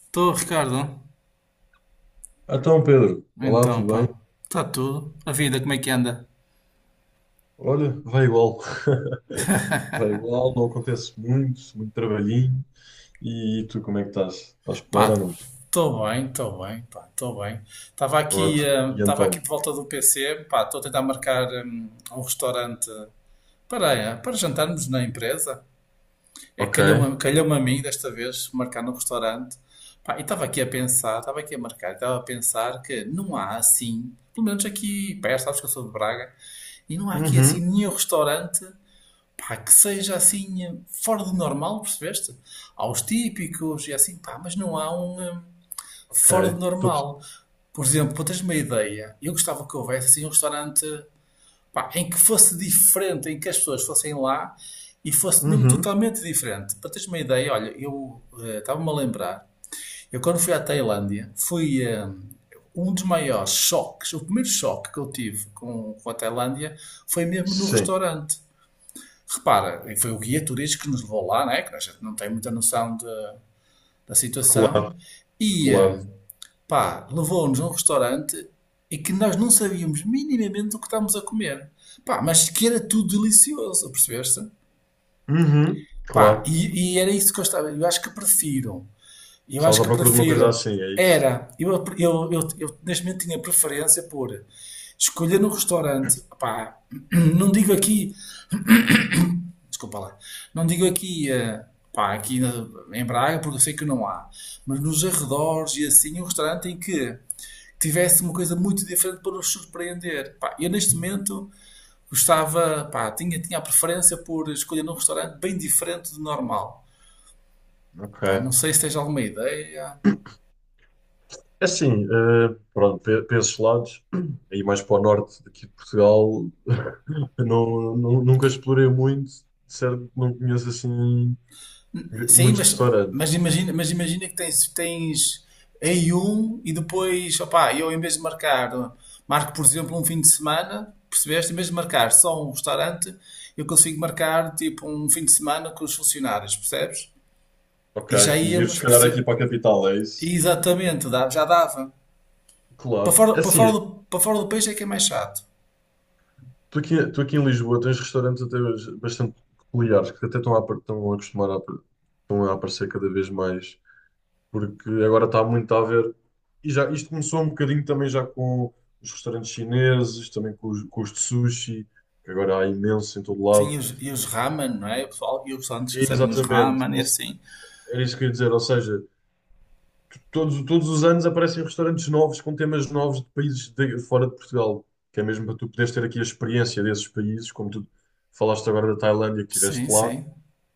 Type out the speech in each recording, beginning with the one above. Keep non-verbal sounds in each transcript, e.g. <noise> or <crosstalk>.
Estou, Ricardo. Então, Pedro, olá, Então, tudo bem? pá, está tudo. A vida, como é que anda? Olha, vai igual. <laughs> Vai igual, não acontece muito trabalhinho. E tu, como é que estás? Estás Pá, porreiro ou estou bem, pá, estou bem. Estava não? aqui, Ótimo. E estava então? aqui de volta do PC, pá, estou a tentar marcar um restaurante para, para jantarmos na empresa. É, Ok. calhou-me a mim desta vez marcar no restaurante. Pá, e estava aqui a pensar, estava aqui a marcar, estava a pensar que não há assim, pelo menos aqui perto, sabes que eu sou de Braga, e não há aqui assim Uhum. nenhum restaurante pá, que seja assim fora do normal, percebeste? Há os típicos e assim, pá, mas não há um Ok. fora do Tu... normal. Por exemplo, para teres uma ideia, eu gostava que houvesse assim um restaurante, pá, em que fosse diferente, em que as pessoas fossem lá e fosse mesmo Uhum. totalmente diferente. Para teres uma ideia, olha, eu estava-me a lembrar, eu quando fui à Tailândia, fui um dos maiores choques, o primeiro choque que eu tive com a Tailândia foi mesmo no Sim. restaurante, repara, e foi o guia turístico que nos levou lá, né? Que a gente não tem muita noção de, da situação, Claro, e claro. Pá, levou-nos a um restaurante e que nós não sabíamos minimamente o que estávamos a comer. Pá, mas que era tudo delicioso, percebeste? Uhum. Pá, Claro. e era isso que eu estava. Eu Estavas acho à que procura de uma coisa prefiro. assim, é isso? Era. Eu neste momento tinha preferência por escolher no restaurante. Pá, <clears throat> não digo aqui. Desculpa lá. Não digo aqui, pá, em Braga, porque eu sei que não há, mas nos arredores e assim, um restaurante em que tivesse uma coisa muito diferente para nos surpreender. Pá, eu neste momento gostava, pá, tinha a preferência por escolher um restaurante bem diferente do normal. Pá, não Ok. sei se tens alguma ideia. É assim, pronto, para esses lados, <clears throat> aí mais para o norte daqui de Portugal. <laughs> Eu não, nunca explorei muito, de certo? Não conheço assim Sim, muitos restaurantes. Mas imagina que tens em um e depois, opá, eu em vez de marcar, marco por exemplo um fim de semana, percebeste? Em vez de marcar só um restaurante, eu consigo marcar tipo um fim de semana com os funcionários, percebes? Ok. E já E vives se íamos, calhar aqui perce- para a capital, é isso? Aqui para- Exatamente, já dava. Para Claro. fora, É assim, para fora do país é que é mais chato. tu aqui em Lisboa tens restaurantes até hoje bastante peculiares, que até estão a, estão a acostumar a, estão a aparecer cada vez mais, porque agora está muito a ver. E já, isto começou um bocadinho também já com os restaurantes chineses, também com os de sushi, que agora há imenso em todo Sim, lado. e os ramen, não é? O pessoal, e os restaurantes que servem os Exatamente. ramen e Ou assim. era isso que eu ia dizer, ou seja. Todos os anos aparecem restaurantes novos com temas novos de países fora de Portugal, que é mesmo para tu poderes ter aqui a experiência desses países, como tu falaste agora da Tailândia, que Sim, estiveste lá sim.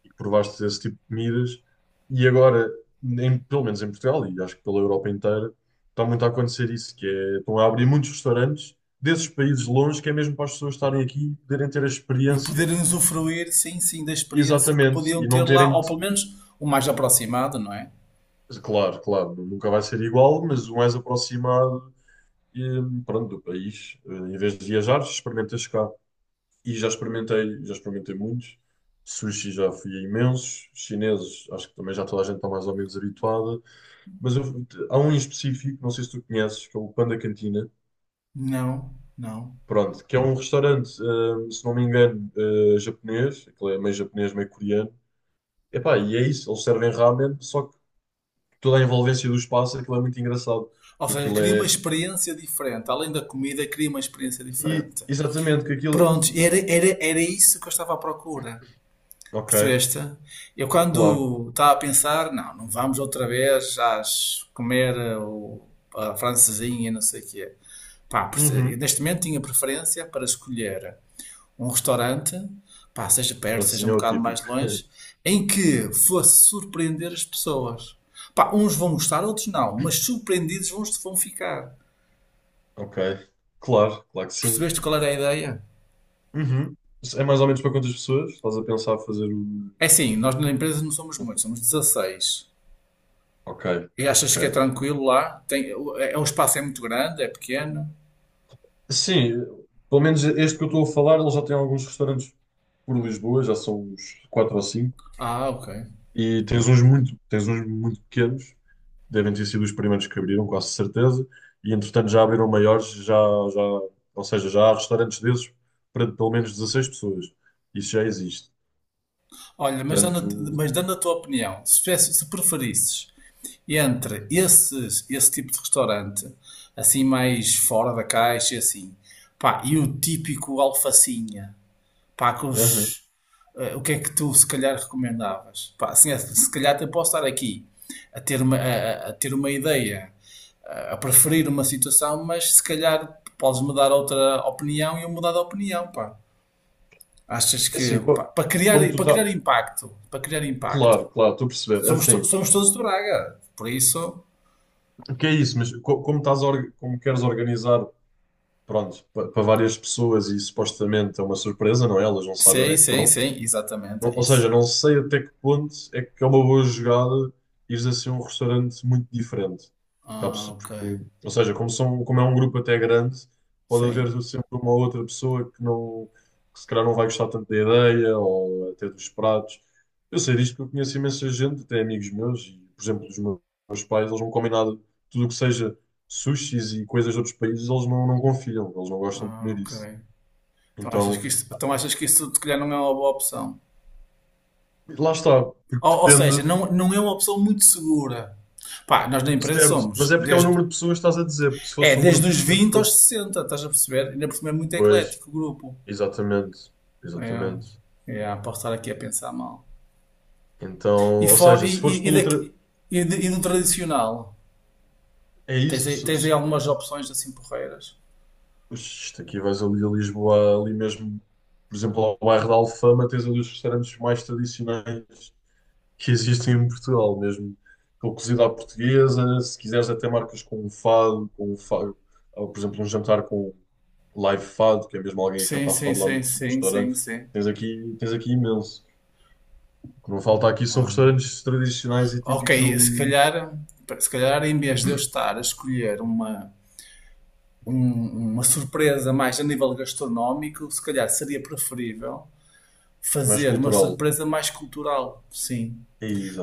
e que provaste esse tipo de comidas. E agora, pelo menos em Portugal, e acho que pela Europa inteira, está muito a acontecer isso, que é, estão a abrir muitos restaurantes desses países longe, que é mesmo para as pessoas estarem aqui e poderem ter a E experiência poderem usufruir, sim, sim, da experiência que exatamente, podiam e ter não lá, terem, ou pelo menos o mais aproximado, não é? claro, claro, nunca vai ser igual, mas o mais aproximado e, pronto, do país. Em vez de viajar, experimentas cá. E já experimentei muitos. Sushi já fui a imensos. Chineses, acho que também já toda a gente está mais ou menos habituada. Mas há um em específico, não sei se tu conheces, que é o Panda Cantina. Não, não. Pronto, que é um restaurante, se não me engano, japonês. Aquilo é meio japonês, meio coreano. Epá, e é isso, eles servem ramen, só que toda a envolvência do espaço, aquilo é muito engraçado. Ou seja, Aquilo queria uma é... experiência diferente. Além da comida, queria uma experiência E, diferente. exatamente, que aquilo... Pronto, era isso que eu estava à procura. Ok, Percebeste? Eu claro. quando estava a pensar, não, não vamos outra vez às comer a francesinha, e não sei o quê. Pá, eu Uhum. neste momento tinha preferência para escolher um restaurante, pá, seja perto, seja Francesinha um é o bocado mais típico. <laughs> longe, em que fosse surpreender as pessoas. Pá, uns vão gostar, outros não, mas surpreendidos vão ficar. Ok. Claro, claro que sim. Percebeste qual era a ideia? Uhum. É mais ou menos para quantas pessoas? Estás a pensar fazer o. É assim, nós na empresa não somos muitos, somos 16. Ok, E achas ok. que é tranquilo lá? Tem, o espaço é muito grande, é pequeno? Sim, pelo menos este que eu estou a falar, ele já tem alguns restaurantes por Lisboa, já são uns 4 ou cinco. Ah, ok. E tens uns muito pequenos, devem ter sido os primeiros que abriram, quase certeza. E entretanto já abriram maiores, já, já, ou seja, já há restaurantes desses para pelo menos 16 pessoas. Isso já existe. Olha, Portanto, mas dando a tua opinião, se preferisses entre esses, esse tipo de restaurante, assim mais fora da caixa, e assim, pá, e o típico alfacinha, pá, com aham. os, o que é que tu se calhar recomendavas? Pá, assim, é, se calhar até posso estar aqui a ter ter uma ideia, a preferir uma situação, mas se calhar podes-me dar outra opinião e eu mudar de opinião, pá. Achas É que, assim, pá, como tu tá, para criar impacto. claro, claro, estou a perceber. É assim, Somos todos de Braga, por isso... o que é isso? Mas como estás, a como queres organizar, pronto, para várias pessoas e supostamente é uma surpresa, não é? Elas não sabem onde Sim, é que sim, vão. sim, exatamente, Não- é ou seja, isso. não sei até que ponto é que é uma boa jogada ires assim a um restaurante muito diferente. Porque, há Ah, pessoas- ok. porque- ou seja, como, são, como é um grupo até grande, pode Sim. haver sempre uma outra pessoa que não, que se calhar não vai gostar tanto da ideia ou até dos pratos. Eu sei disto porque eu conheço imensa gente, até amigos meus, e, por exemplo, os meus pais, eles não comem nada, tudo o que seja sushis e coisas de outros países, eles não, não confiam, eles não gostam de Ah, comer ok. isso. Então, Então achas que isso se calhar não é uma boa opção? lá está, porque Ou seja, depende. não, não é uma pessoa muito segura. Pá, nós na empresa Certo, mas somos é porque é o desde, número de pessoas que estás a dizer, porque se é, fosse um desde grupo, os por 20 aos exemplo, 60, estás a perceber? Ainda por cima é muito pois, eclético o grupo. exatamente, exatamente. Posso estar aqui a pensar mal. Então, E, ou for, seja, e, se fores e, pelo tra... daqui- e do tradicional? é isso, Tens se, aí se, algumas opções assim porreiras? isto aqui vais ali a Lisboa, ali mesmo, por exemplo, ao bairro da Alfama, tens ali os restaurantes mais tradicionais que existem em Portugal, mesmo com cozida à portuguesa, se quiseres até marcas com um fado, ou, por exemplo, um jantar com live fado, que é mesmo alguém a Sim, cantar sim, fado lá no sim, no sim, sim, restaurante, sim. Tens aqui imenso. O que não falta aqui são Olha. restaurantes tradicionais e Ok, típicos se ali, calhar, se calhar em vez de eu estar a escolher uma surpresa mais a nível gastronómico, se calhar seria preferível mais fazer uma cultural. surpresa mais cultural, sim.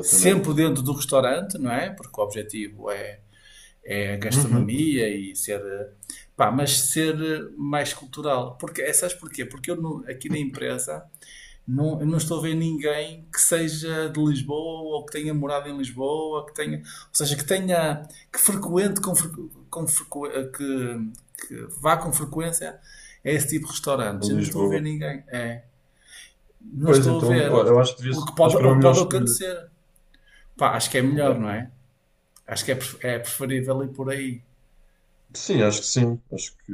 Sempre dentro do restaurante, não é? Porque o objetivo é, é a Uhum. gastronomia e ser. Pá, mas ser mais cultural. Porque, sabes porquê? Porque eu no- aqui na empresa não, eu não estou a ver ninguém que seja de Lisboa ou que tenha morado em Lisboa, que tenha, que frequente com frequ- eh, que vá com frequência a esse tipo de A restaurantes. Eu não estou a ver Lisboa. ninguém. É, não Pois estou a então, eu, ver eu acho que devia, acho que era o uma que melhor pode escolha. acontecer. Pá, acho que é melhor, Claro. não é? Acho que é, é preferível ir por aí. Sim. Acho que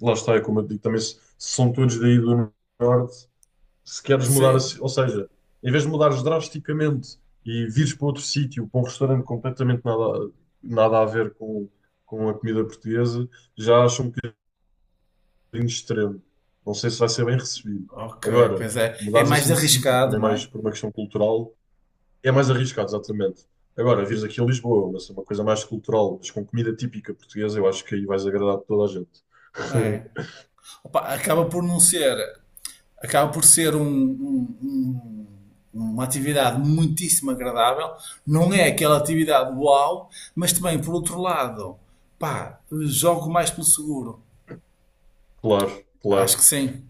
lá está, é como eu digo também, se são todos daí do norte, se queres mudar, a Sim. ou seja, em vez de mudares drasticamente e vires para outro sítio, para um restaurante completamente nada, nada a ver com a comida portuguesa, já acho um bocadinho extremo. Não sei se vai ser bem recebido. Ok, Agora, pois é. É mudares mais assim de sítio, arriscado, também não é? mais por uma questão cultural, é mais arriscado, exatamente. Agora, vires aqui a Lisboa, uma coisa mais cultural, mas com comida típica portuguesa, eu acho que aí vais agradar toda a gente. É. <laughs> Opa, acaba por não ser. Acaba por ser uma atividade muitíssimo agradável. Não é aquela atividade uau, mas também, por outro lado, pá, jogo mais pelo seguro. Claro, Acho claro. que sim.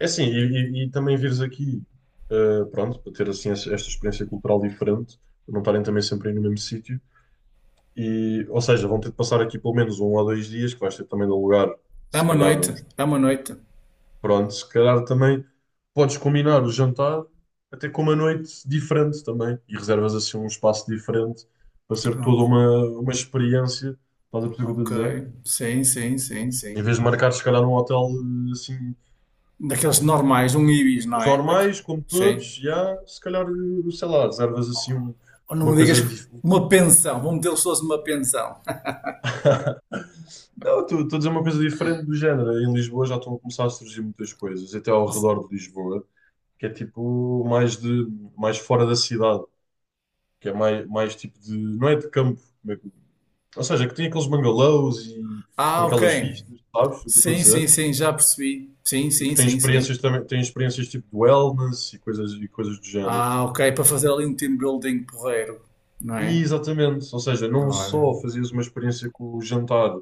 É assim, e, e também vires aqui, pronto, para ter assim esta esta experiência cultural diferente, para não estarem também sempre aí no mesmo sítio. E, ou seja, vão ter de passar aqui pelo menos um ou dois dias, que vais ter também de alugar, É se uma calhar, noite, uns. é uma noite. Pronto, se calhar também podes combinar o jantar até com uma noite diferente também e reservas assim um espaço diferente para ser toda Ok, uma experiência. Estás a perceber o que eu ok. estou a dizer? Sim, sim, sim, Em sim. vez de marcar, se calhar, num hotel assim, Daqueles normais, um Ibis, não dos é? Normais, como Sim. todos, já, se calhar, sei lá, reservas assim Ou não uma me digas coisa que diferente. uma pensão, vão metê-los todos numa pensão. <laughs> <laughs> Não, estou a dizer uma coisa diferente do género. Em Lisboa já estão a começar a surgir muitas coisas, até ao redor de Lisboa, que é tipo mais de mais fora da cidade. Que é mais, mais tipo de. Não é de campo, como é que- ou seja, que tem aqueles bungalows e com Ah, aquelas ok. vistas, sabes o que eu estou a Sim, sim, dizer? sim, já percebi. Sim, E que sim, tem sim, sim. experiências também, tem experiências tipo de wellness e coisas do género. Ah, ok, para fazer ali um team building porreiro, não E é? exatamente, ou seja, não Olha, só fazias uma experiência com o jantar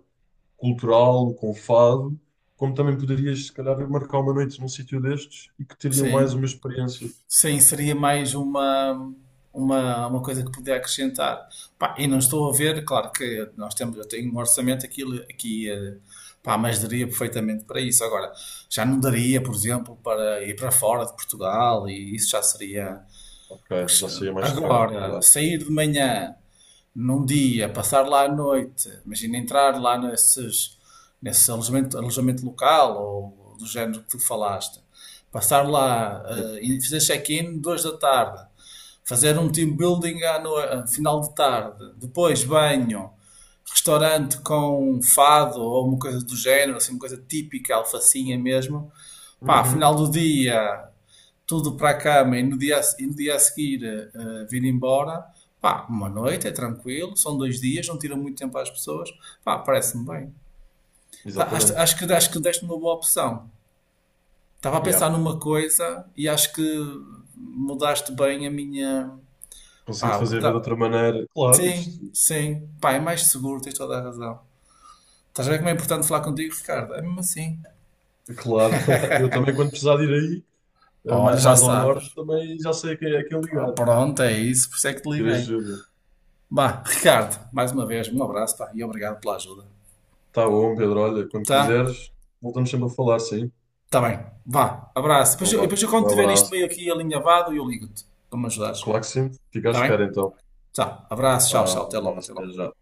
cultural, com o fado, como também poderias, se calhar, marcar uma noite num sítio destes e que teriam mais sim, uma experiência. sim, seria uma coisa que podia acrescentar. Pá, e não estou a ver, claro que nós temos, eu tenho um orçamento aqui, aqui eh, pá, mas daria perfeitamente para isso. Agora, já não daria, por exemplo, para ir para fora de Portugal e isso já seria. Ok, já seria mais caro, Agora, claro. sair de manhã, num dia, passar lá à noite, imagina entrar lá nesses, nesse alojamento, alojamento local ou do género que tu falaste, passar lá Sim. E fazer check-in 2 da tarde, fazer um team building à no- eh, final de tarde, depois banho, restaurante com fado ou uma coisa do género, assim, uma coisa típica, alfacinha mesmo. Pá, Uhum, final do dia, tudo para a cama e e no dia a seguir vir embora, pá, uma noite, é tranquilo, são dois dias, não tira muito tempo às pessoas, pá, parece-me bem. Tá, exatamente. Acho que deste uma boa opção. Estava a Yeah. pensar numa coisa e acho que mudaste bem a minha. Consegui Pá, o que eu fazer ver de ta- outra maneira. Claro, Sim, isto sim, pá, é mais seguro, tens toda a razão. Estás a ver como é importante falar contigo, Ricardo? É mesmo assim. claro, <laughs> eu também quando precisar de ir aí, Olha, já mais ao norte, sabes. também já sei a quem é quem Ah, ligar, pronto, é isso, por isso é que te ter liguei. ajuda. Bah, Ricardo, mais uma vez, um abraço, pá, e obrigado pela ajuda. Tá bom, Pedro, olha, quando Tá? quiseres, voltamos sempre a falar, sim. Tá bem. Vá. Abraço. Depois, Então vá, depois eu quando um tiver isto abraço. meio aqui alinhavado, eu ligo-te para me ajudares. Claro que sim, fica à Tá bem? espera então. Tá. Abraço. Tchau, Vá, tchau. um Até logo. abraço, Até até logo. já.